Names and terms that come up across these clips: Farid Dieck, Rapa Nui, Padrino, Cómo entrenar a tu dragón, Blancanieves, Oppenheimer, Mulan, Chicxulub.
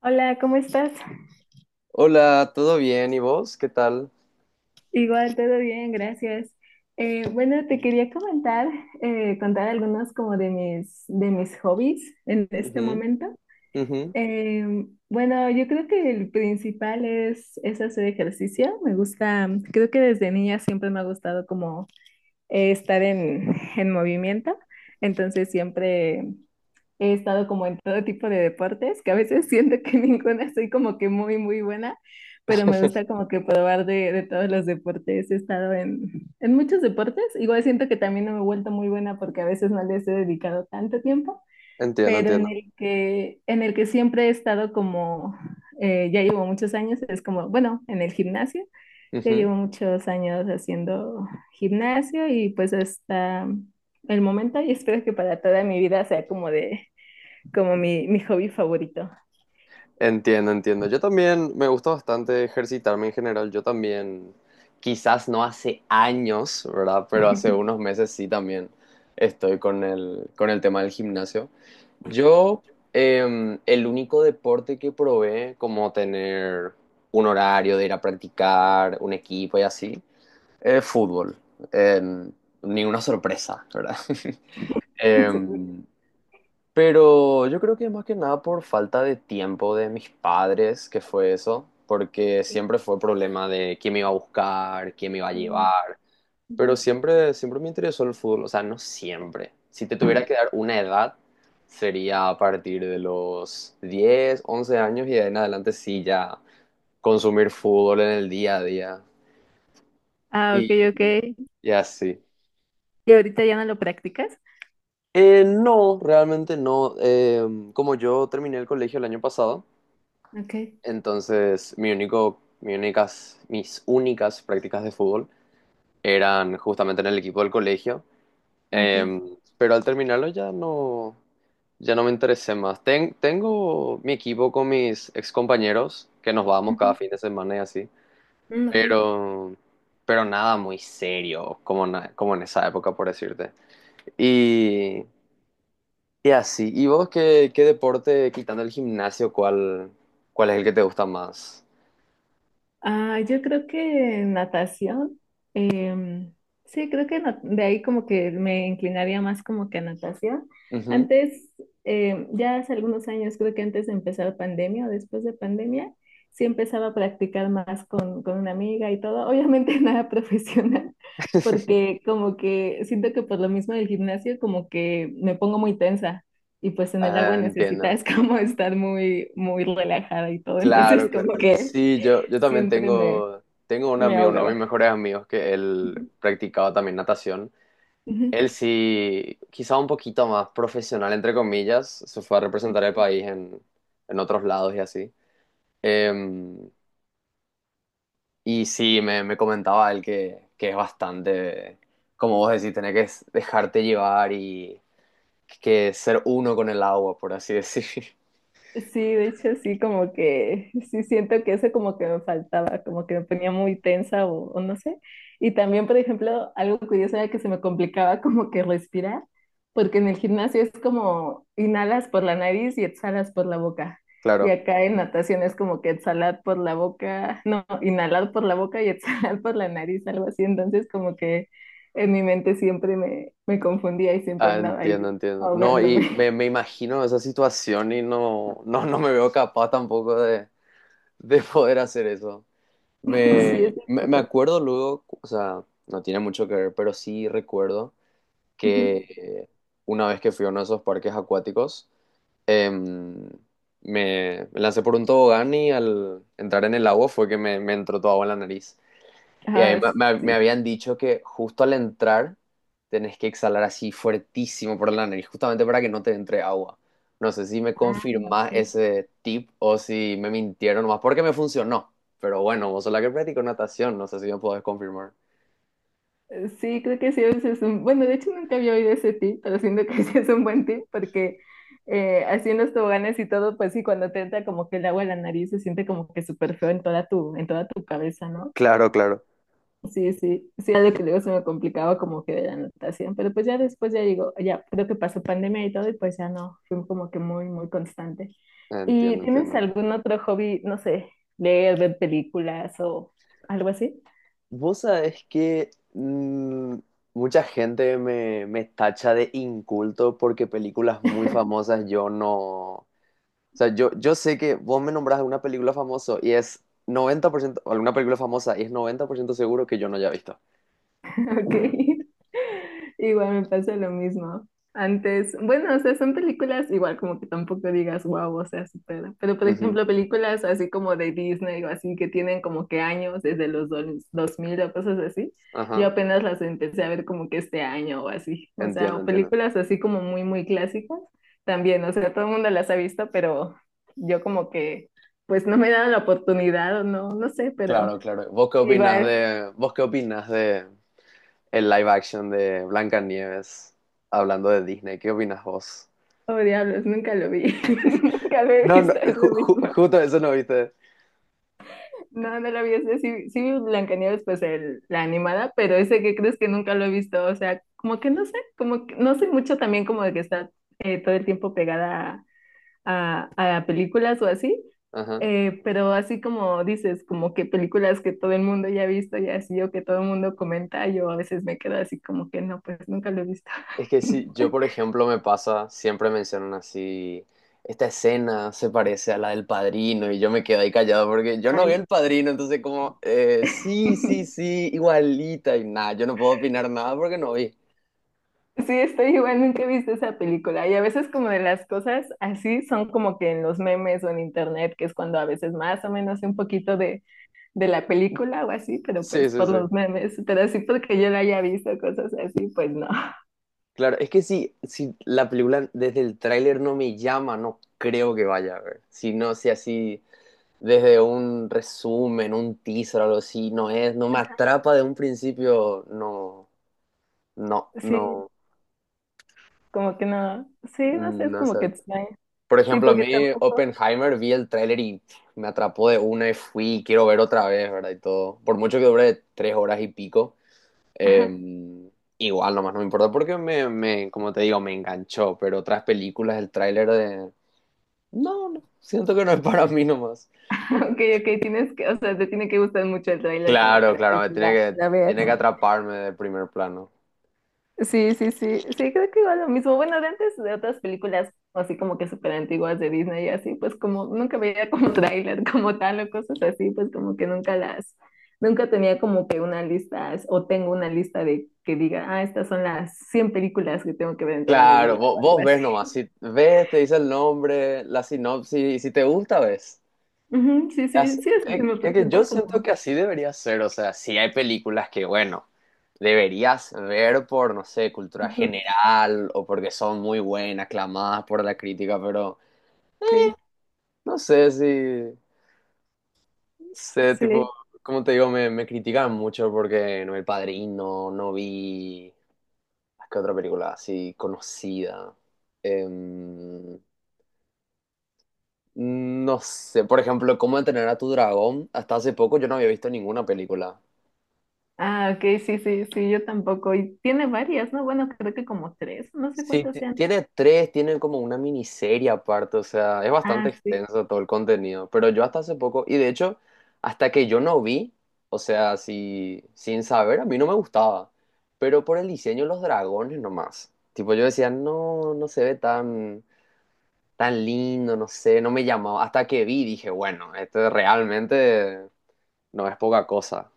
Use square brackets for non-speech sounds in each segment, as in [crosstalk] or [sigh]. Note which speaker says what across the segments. Speaker 1: Hola, ¿cómo estás?
Speaker 2: Hola, ¿todo bien? ¿Y vos? ¿Qué tal?
Speaker 1: Igual, todo bien, gracias. Bueno, te quería comentar, contar algunos como de mis hobbies en este
Speaker 2: Ujú,
Speaker 1: momento.
Speaker 2: ujú.
Speaker 1: Bueno, yo creo que el principal es hacer ejercicio. Me gusta, creo que desde niña siempre me ha gustado como estar en movimiento. Entonces siempre he estado como en todo tipo de deportes, que a veces siento que [laughs] ninguna soy como que muy buena, pero me gusta
Speaker 2: [laughs]
Speaker 1: como que probar de todos los deportes. He estado en muchos deportes. Igual siento que también no me he vuelto muy buena porque a veces no les he dedicado tanto tiempo,
Speaker 2: Entiendo,
Speaker 1: pero en
Speaker 2: entiendo.
Speaker 1: el que siempre he estado como, ya llevo muchos años, es como, bueno, en el gimnasio. Yo
Speaker 2: Ujú.
Speaker 1: llevo muchos años haciendo gimnasio y pues hasta el momento y espero que para toda mi vida sea como de como mi hobby favorito.
Speaker 2: Entiendo, entiendo. Yo también me gusta bastante ejercitarme en general. Yo también, quizás no hace años, ¿verdad? Pero hace unos meses sí también estoy con el tema del gimnasio. Yo, el único deporte que probé, como tener un horario de ir a practicar, un equipo y así, es fútbol. Em, Ninguna sorpresa, ¿verdad? [laughs]
Speaker 1: [laughs]
Speaker 2: Em, pero yo creo que más que nada por falta de tiempo de mis padres, que fue eso, porque siempre fue problema de quién me iba a buscar, quién me iba a llevar, pero siempre, siempre me interesó el fútbol, o sea, no siempre. Si te tuviera que dar una edad, sería a partir de los 10 u 11 años, y de ahí en adelante sí ya consumir fútbol en el día a día
Speaker 1: Ah, ok,
Speaker 2: y,
Speaker 1: ok.
Speaker 2: y así.
Speaker 1: ¿Y ahorita ya no lo practicas?
Speaker 2: No, realmente no. Como yo terminé el colegio el año pasado,
Speaker 1: Ok,
Speaker 2: entonces mi único, mi únicas, mis únicas prácticas de fútbol eran justamente en el equipo del colegio.
Speaker 1: ok.
Speaker 2: Pero al terminarlo ya no, ya no me interesé más. Tengo mi equipo con mis excompañeros, que nos vamos cada
Speaker 1: Ujú.
Speaker 2: fin de semana y así,
Speaker 1: Mm, ok.
Speaker 2: pero, pero nada muy serio, como, como en esa época, por decirte. Y, y así, ¿y vos qué, qué deporte, quitando el gimnasio, cuál, cuál es el que te gusta más?
Speaker 1: Ah, yo creo que natación. em, sí, creo que de ahí como que me inclinaría más como que a natación.
Speaker 2: Ujú.
Speaker 1: Antes, ya hace algunos años, creo que antes de empezar pandemia o después de pandemia, sí empezaba a practicar más con una amiga y todo. Obviamente [laughs] nada profesional, porque como que siento que por lo mismo del gimnasio como que me pongo muy tensa. Y pues en el agua
Speaker 2: Ah, entiendo.
Speaker 1: necesitas [laughs] como estar muy relajada y todo. Entonces
Speaker 2: Claro, claro.
Speaker 1: como que
Speaker 2: Sí, yo también
Speaker 1: siempre
Speaker 2: tengo, tengo un
Speaker 1: me
Speaker 2: amigo, uno de
Speaker 1: ahogaba.
Speaker 2: mis mejores amigos, que él
Speaker 1: Ujú.
Speaker 2: practicaba también natación.
Speaker 1: Ujú.
Speaker 2: Él sí, quizá un poquito más profesional, entre comillas, se fue a representar el
Speaker 1: Ok.
Speaker 2: país en otros lados y así. Em, y sí, me comentaba él que es bastante, como vos decís, tener que dejarte llevar y que ser uno con el agua, por así decir. [laughs]
Speaker 1: Sí, de hecho sí, como que sí siento que eso como que me faltaba, como que me ponía muy tensa o no sé. Y también, por ejemplo, algo curioso era que se me complicaba como que respirar, porque en el gimnasio es como inhalas por la nariz y exhalas por la boca. Y
Speaker 2: Claro.
Speaker 1: acá en natación es como que exhalar por la boca, no, inhalar por la boca y [laughs] exhalar por la nariz, algo así. Entonces como que en mi mente siempre me confundía y siempre
Speaker 2: Ah,
Speaker 1: andaba
Speaker 2: entiendo,
Speaker 1: ahí
Speaker 2: entiendo. No, y
Speaker 1: ahogándome.
Speaker 2: me imagino esa situación y no, no, no me veo capaz tampoco de, de poder hacer eso.
Speaker 1: [laughs] Sí,
Speaker 2: Me,
Speaker 1: es un
Speaker 2: me, me
Speaker 1: poco.
Speaker 2: acuerdo luego, o sea, no tiene mucho que ver, pero sí recuerdo que una vez que fui a uno de esos parques acuáticos, em, me, me lancé por un tobogán y al entrar en el agua fue que me entró toda agua en la nariz. Y a
Speaker 1: Ah,
Speaker 2: mí me, me
Speaker 1: sí.
Speaker 2: habían dicho que justo al entrar tenés que exhalar así fuertísimo por la nariz, justamente para que no te entre agua. No sé si me
Speaker 1: Ah,
Speaker 2: confirmás
Speaker 1: ok.
Speaker 2: ese tip o si me mintieron más porque me funcionó. Pero bueno, vos sos la que practicó natación, no sé si me podés confirmar.
Speaker 1: Sí, creo que sí, ese es un... Bueno, de hecho nunca había oído ese tip, pero siento que [laughs] sí es un buen tip porque así en los toboganes y todo, pues sí, cuando te entra como que el agua en la nariz se siente como que súper feo en toda en toda tu cabeza, ¿no?
Speaker 2: Claro, claro.
Speaker 1: Sí, sí, sí, algo que luego se me complicaba como que de la natación, pero pues ya después ya digo, ya creo que pasó pandemia y todo y pues ya no, fue como que muy constante. ¿Y
Speaker 2: Entiendo,
Speaker 1: tienes
Speaker 2: entiendo.
Speaker 1: algún otro hobby, no sé, leer, ver películas o algo así?
Speaker 2: Vos sabés que mucha gente me, me tacha de inculto porque películas muy famosas yo no. O sea, yo sé que vos me nombrás alguna película famosa y es 90% o alguna película famosa y es 90% seguro que yo no haya visto.
Speaker 1: Ok. [laughs] Igual me pasa lo mismo. Antes, bueno, o sea, son películas igual como que tampoco digas wow, o sea, supera. Pero por
Speaker 2: Ujú,
Speaker 1: ejemplo, películas así como de Disney o así que tienen como que años desde los 2000 o cosas así. Yo
Speaker 2: ajá,
Speaker 1: apenas las empecé a ver como que este año o así. O sea,
Speaker 2: entiendo,
Speaker 1: o
Speaker 2: entiendo.
Speaker 1: películas así como muy clásicas también. O sea, todo el mundo las ha visto, pero yo como que pues no me he dado la oportunidad o no, no sé, pero
Speaker 2: Claro, claro. ¿Vos qué opinas
Speaker 1: igual.
Speaker 2: de, vos qué opinas de el live action de Blancanieves, hablando de Disney? ¿Qué opinas vos?
Speaker 1: Oh, diablos, nunca lo vi. [laughs] Nunca lo he
Speaker 2: No, no,
Speaker 1: visto, es
Speaker 2: ju-
Speaker 1: lo mismo.
Speaker 2: ju- justo eso no viste.
Speaker 1: No, no lo vi. Ese sí, sí vi Blancanieves, pues la animada, pero ese que crees que nunca lo he visto. O sea, como que no sé, como que no sé mucho también como de que está todo el tiempo pegada a películas o así.
Speaker 2: Ajá.
Speaker 1: Eh, pero así como dices, como que películas que todo el mundo ya ha visto y así o que todo el mundo comenta, yo a veces me quedo así como que no, pues nunca lo he visto.
Speaker 2: Es que si yo,
Speaker 1: [laughs]
Speaker 2: por ejemplo, me pasa, siempre mencionan así, esta escena se parece a la del Padrino, y yo me quedo ahí callado porque yo no vi
Speaker 1: Ay.
Speaker 2: el Padrino, entonces como, sí, sí, sí, igualita, y nada, yo no puedo opinar nada porque no vi.
Speaker 1: Sí, estoy igual, nunca he visto esa película. Y a veces como de las cosas así son como que en los memes o en internet, que es cuando a veces más o menos sé un poquito de la película o así, pero
Speaker 2: Sí,
Speaker 1: pues
Speaker 2: sí,
Speaker 1: por
Speaker 2: sí.
Speaker 1: los memes. Pero así porque yo la haya visto, cosas así, pues no. [laughs]
Speaker 2: Claro, es que si, si la película desde el tráiler no me llama, no creo que vaya a ver. Si no, si así desde un resumen, un teaser o algo así, no es, no me atrapa de un principio, no, no,
Speaker 1: Sí,
Speaker 2: no.
Speaker 1: como que no. Sí, no sé, es
Speaker 2: No
Speaker 1: como
Speaker 2: sé.
Speaker 1: que extraño.
Speaker 2: Por
Speaker 1: Sí,
Speaker 2: ejemplo, a
Speaker 1: porque
Speaker 2: mí
Speaker 1: tampoco.
Speaker 2: Oppenheimer vi el tráiler y me atrapó de una y fui, quiero ver otra vez, ¿verdad? Y todo. Por mucho que dure 3 horas y pico, eh,
Speaker 1: Ajá.
Speaker 2: igual nomás no me importa porque me, como te digo, me enganchó. Pero otras películas, el tráiler de... No, no, siento que no es para mí nomás.
Speaker 1: [laughs] Ok, ok, tienes que, o sea, te tiene que gustar mucho el tráiler como
Speaker 2: Claro,
Speaker 1: para que
Speaker 2: claro, me
Speaker 1: sí la veas.
Speaker 2: tiene que atraparme de primer plano.
Speaker 1: Sí, sí, sí, sí, creo que igual lo mismo. Bueno, de antes de otras películas así como que súper antiguas de Disney y así, pues como nunca veía como [laughs] tráiler como tal o cosas así, pues como que nunca las, nunca tenía como que una lista o tengo una lista de que diga, ah, estas son las 100 películas que tengo que ver en toda mi
Speaker 2: Claro,
Speaker 1: vida
Speaker 2: vos,
Speaker 1: o algo
Speaker 2: vos
Speaker 1: así.
Speaker 2: ves nomás, si ves, te dice el nombre, la sinopsis, y si te gusta, ves.
Speaker 1: Ujú, sí,
Speaker 2: as-
Speaker 1: sí, sí, así se
Speaker 2: es
Speaker 1: me
Speaker 2: es que yo
Speaker 1: presenta
Speaker 2: siento
Speaker 1: como.
Speaker 2: que así debería ser, o sea, si hay películas que, bueno, deberías ver por, no sé, cultura
Speaker 1: Ujú,
Speaker 2: general o porque son muy buenas, aclamadas por la crítica, pero
Speaker 1: sí,
Speaker 2: no sé si, sé, tipo,
Speaker 1: sí.
Speaker 2: como te digo, me critican mucho porque no vi El Padrino, no vi. ¿Qué otra película así conocida? Em, no sé, por ejemplo, ¿Cómo entrenar a tu dragón? Hasta hace poco yo no había visto ninguna película.
Speaker 1: Ah, ok, sí, sí, sí, yo tampoco. Y tiene varias, ¿no? Bueno, creo que como tres, no sé
Speaker 2: Sí,
Speaker 1: cuántas
Speaker 2: ti-
Speaker 1: sean.
Speaker 2: tiene tres, tiene como una miniserie aparte, o sea, es
Speaker 1: Ah,
Speaker 2: bastante
Speaker 1: sí.
Speaker 2: extenso todo el contenido, pero yo hasta hace poco, y de hecho, hasta que yo no vi, o sea, si, sin saber, a mí no me gustaba, pero por el diseño de los dragones nomás, tipo yo decía, no, no se ve tan, tan lindo, no sé, no me llamaba, hasta que vi, dije, bueno, esto realmente no es poca cosa.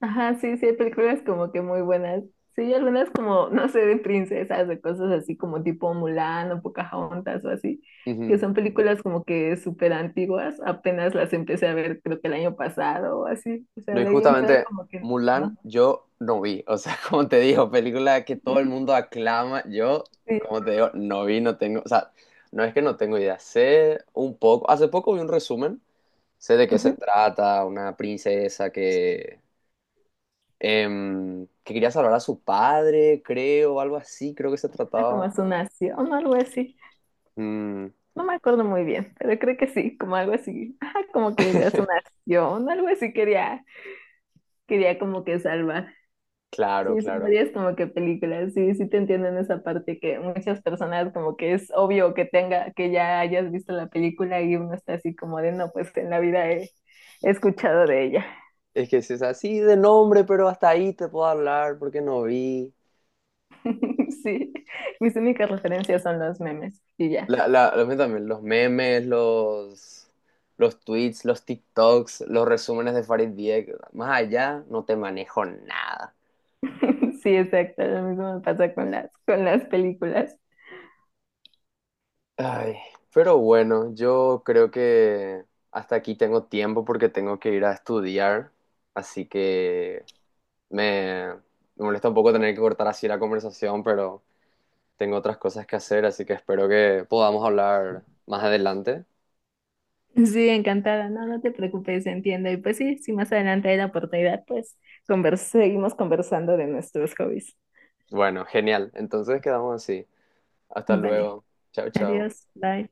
Speaker 1: Ajá, sí, sí, hay películas como que muy buenas. Sí, hay algunas como, no sé, de princesas, de cosas así como tipo Mulan o Pocahontas o así, que
Speaker 2: Ujú.
Speaker 1: son películas como que súper antiguas, apenas las empecé a ver creo que el año pasado o así. O sea,
Speaker 2: No, y
Speaker 1: de ahí en fuera
Speaker 2: justamente
Speaker 1: como que
Speaker 2: Mulan
Speaker 1: no.
Speaker 2: yo no vi. O sea, [laughs] como te digo, película que todo el mundo aclama. Yo,
Speaker 1: Sí.
Speaker 2: como te digo, no vi, no tengo. O sea, no es que no tengo idea. Sé un poco. Hace poco vi un resumen. Sé de qué se
Speaker 1: Ujú.
Speaker 2: trata. Una princesa que, que quería salvar a su padre, creo, algo así, creo que se
Speaker 1: Ajá, como
Speaker 2: trataba.
Speaker 1: a su nación o algo así.
Speaker 2: Mm.
Speaker 1: No me acuerdo muy bien, pero creo que sí, como algo así. Ajá, como que de a su
Speaker 2: [laughs]
Speaker 1: nación, algo así quería, quería como que salvar.
Speaker 2: Claro,
Speaker 1: Sí, son
Speaker 2: claro.
Speaker 1: varias como que películas sí, sí te entiendo en esa parte que muchas personas como que es obvio que tenga, que ya hayas visto la película y uno está así como de no, pues en la vida he, he escuchado de ella.
Speaker 2: Es que si es así de nombre, pero hasta ahí te puedo hablar porque no vi.
Speaker 1: [laughs] Sí, mis únicas referencias son los memes y ya.
Speaker 2: La, lo mío también, los memes, los tweets, los TikToks, los resúmenes de Farid Dieck, más allá no te manejo nada.
Speaker 1: [laughs] Sí, exacto, lo mismo me pasa con con las películas.
Speaker 2: Ay, pero bueno, yo creo que hasta aquí tengo tiempo porque tengo que ir a estudiar, así que me, me molesta un poco tener que cortar así la conversación, pero tengo otras cosas que hacer, así que espero que podamos hablar más adelante.
Speaker 1: Sí, encantada, no, no te preocupes, entiendo. Y pues sí, si más adelante hay la oportunidad, pues seguimos conversando de nuestros hobbies.
Speaker 2: Bueno, genial, entonces quedamos así. Hasta
Speaker 1: Vale,
Speaker 2: luego. Chao, chao.
Speaker 1: adiós, bye.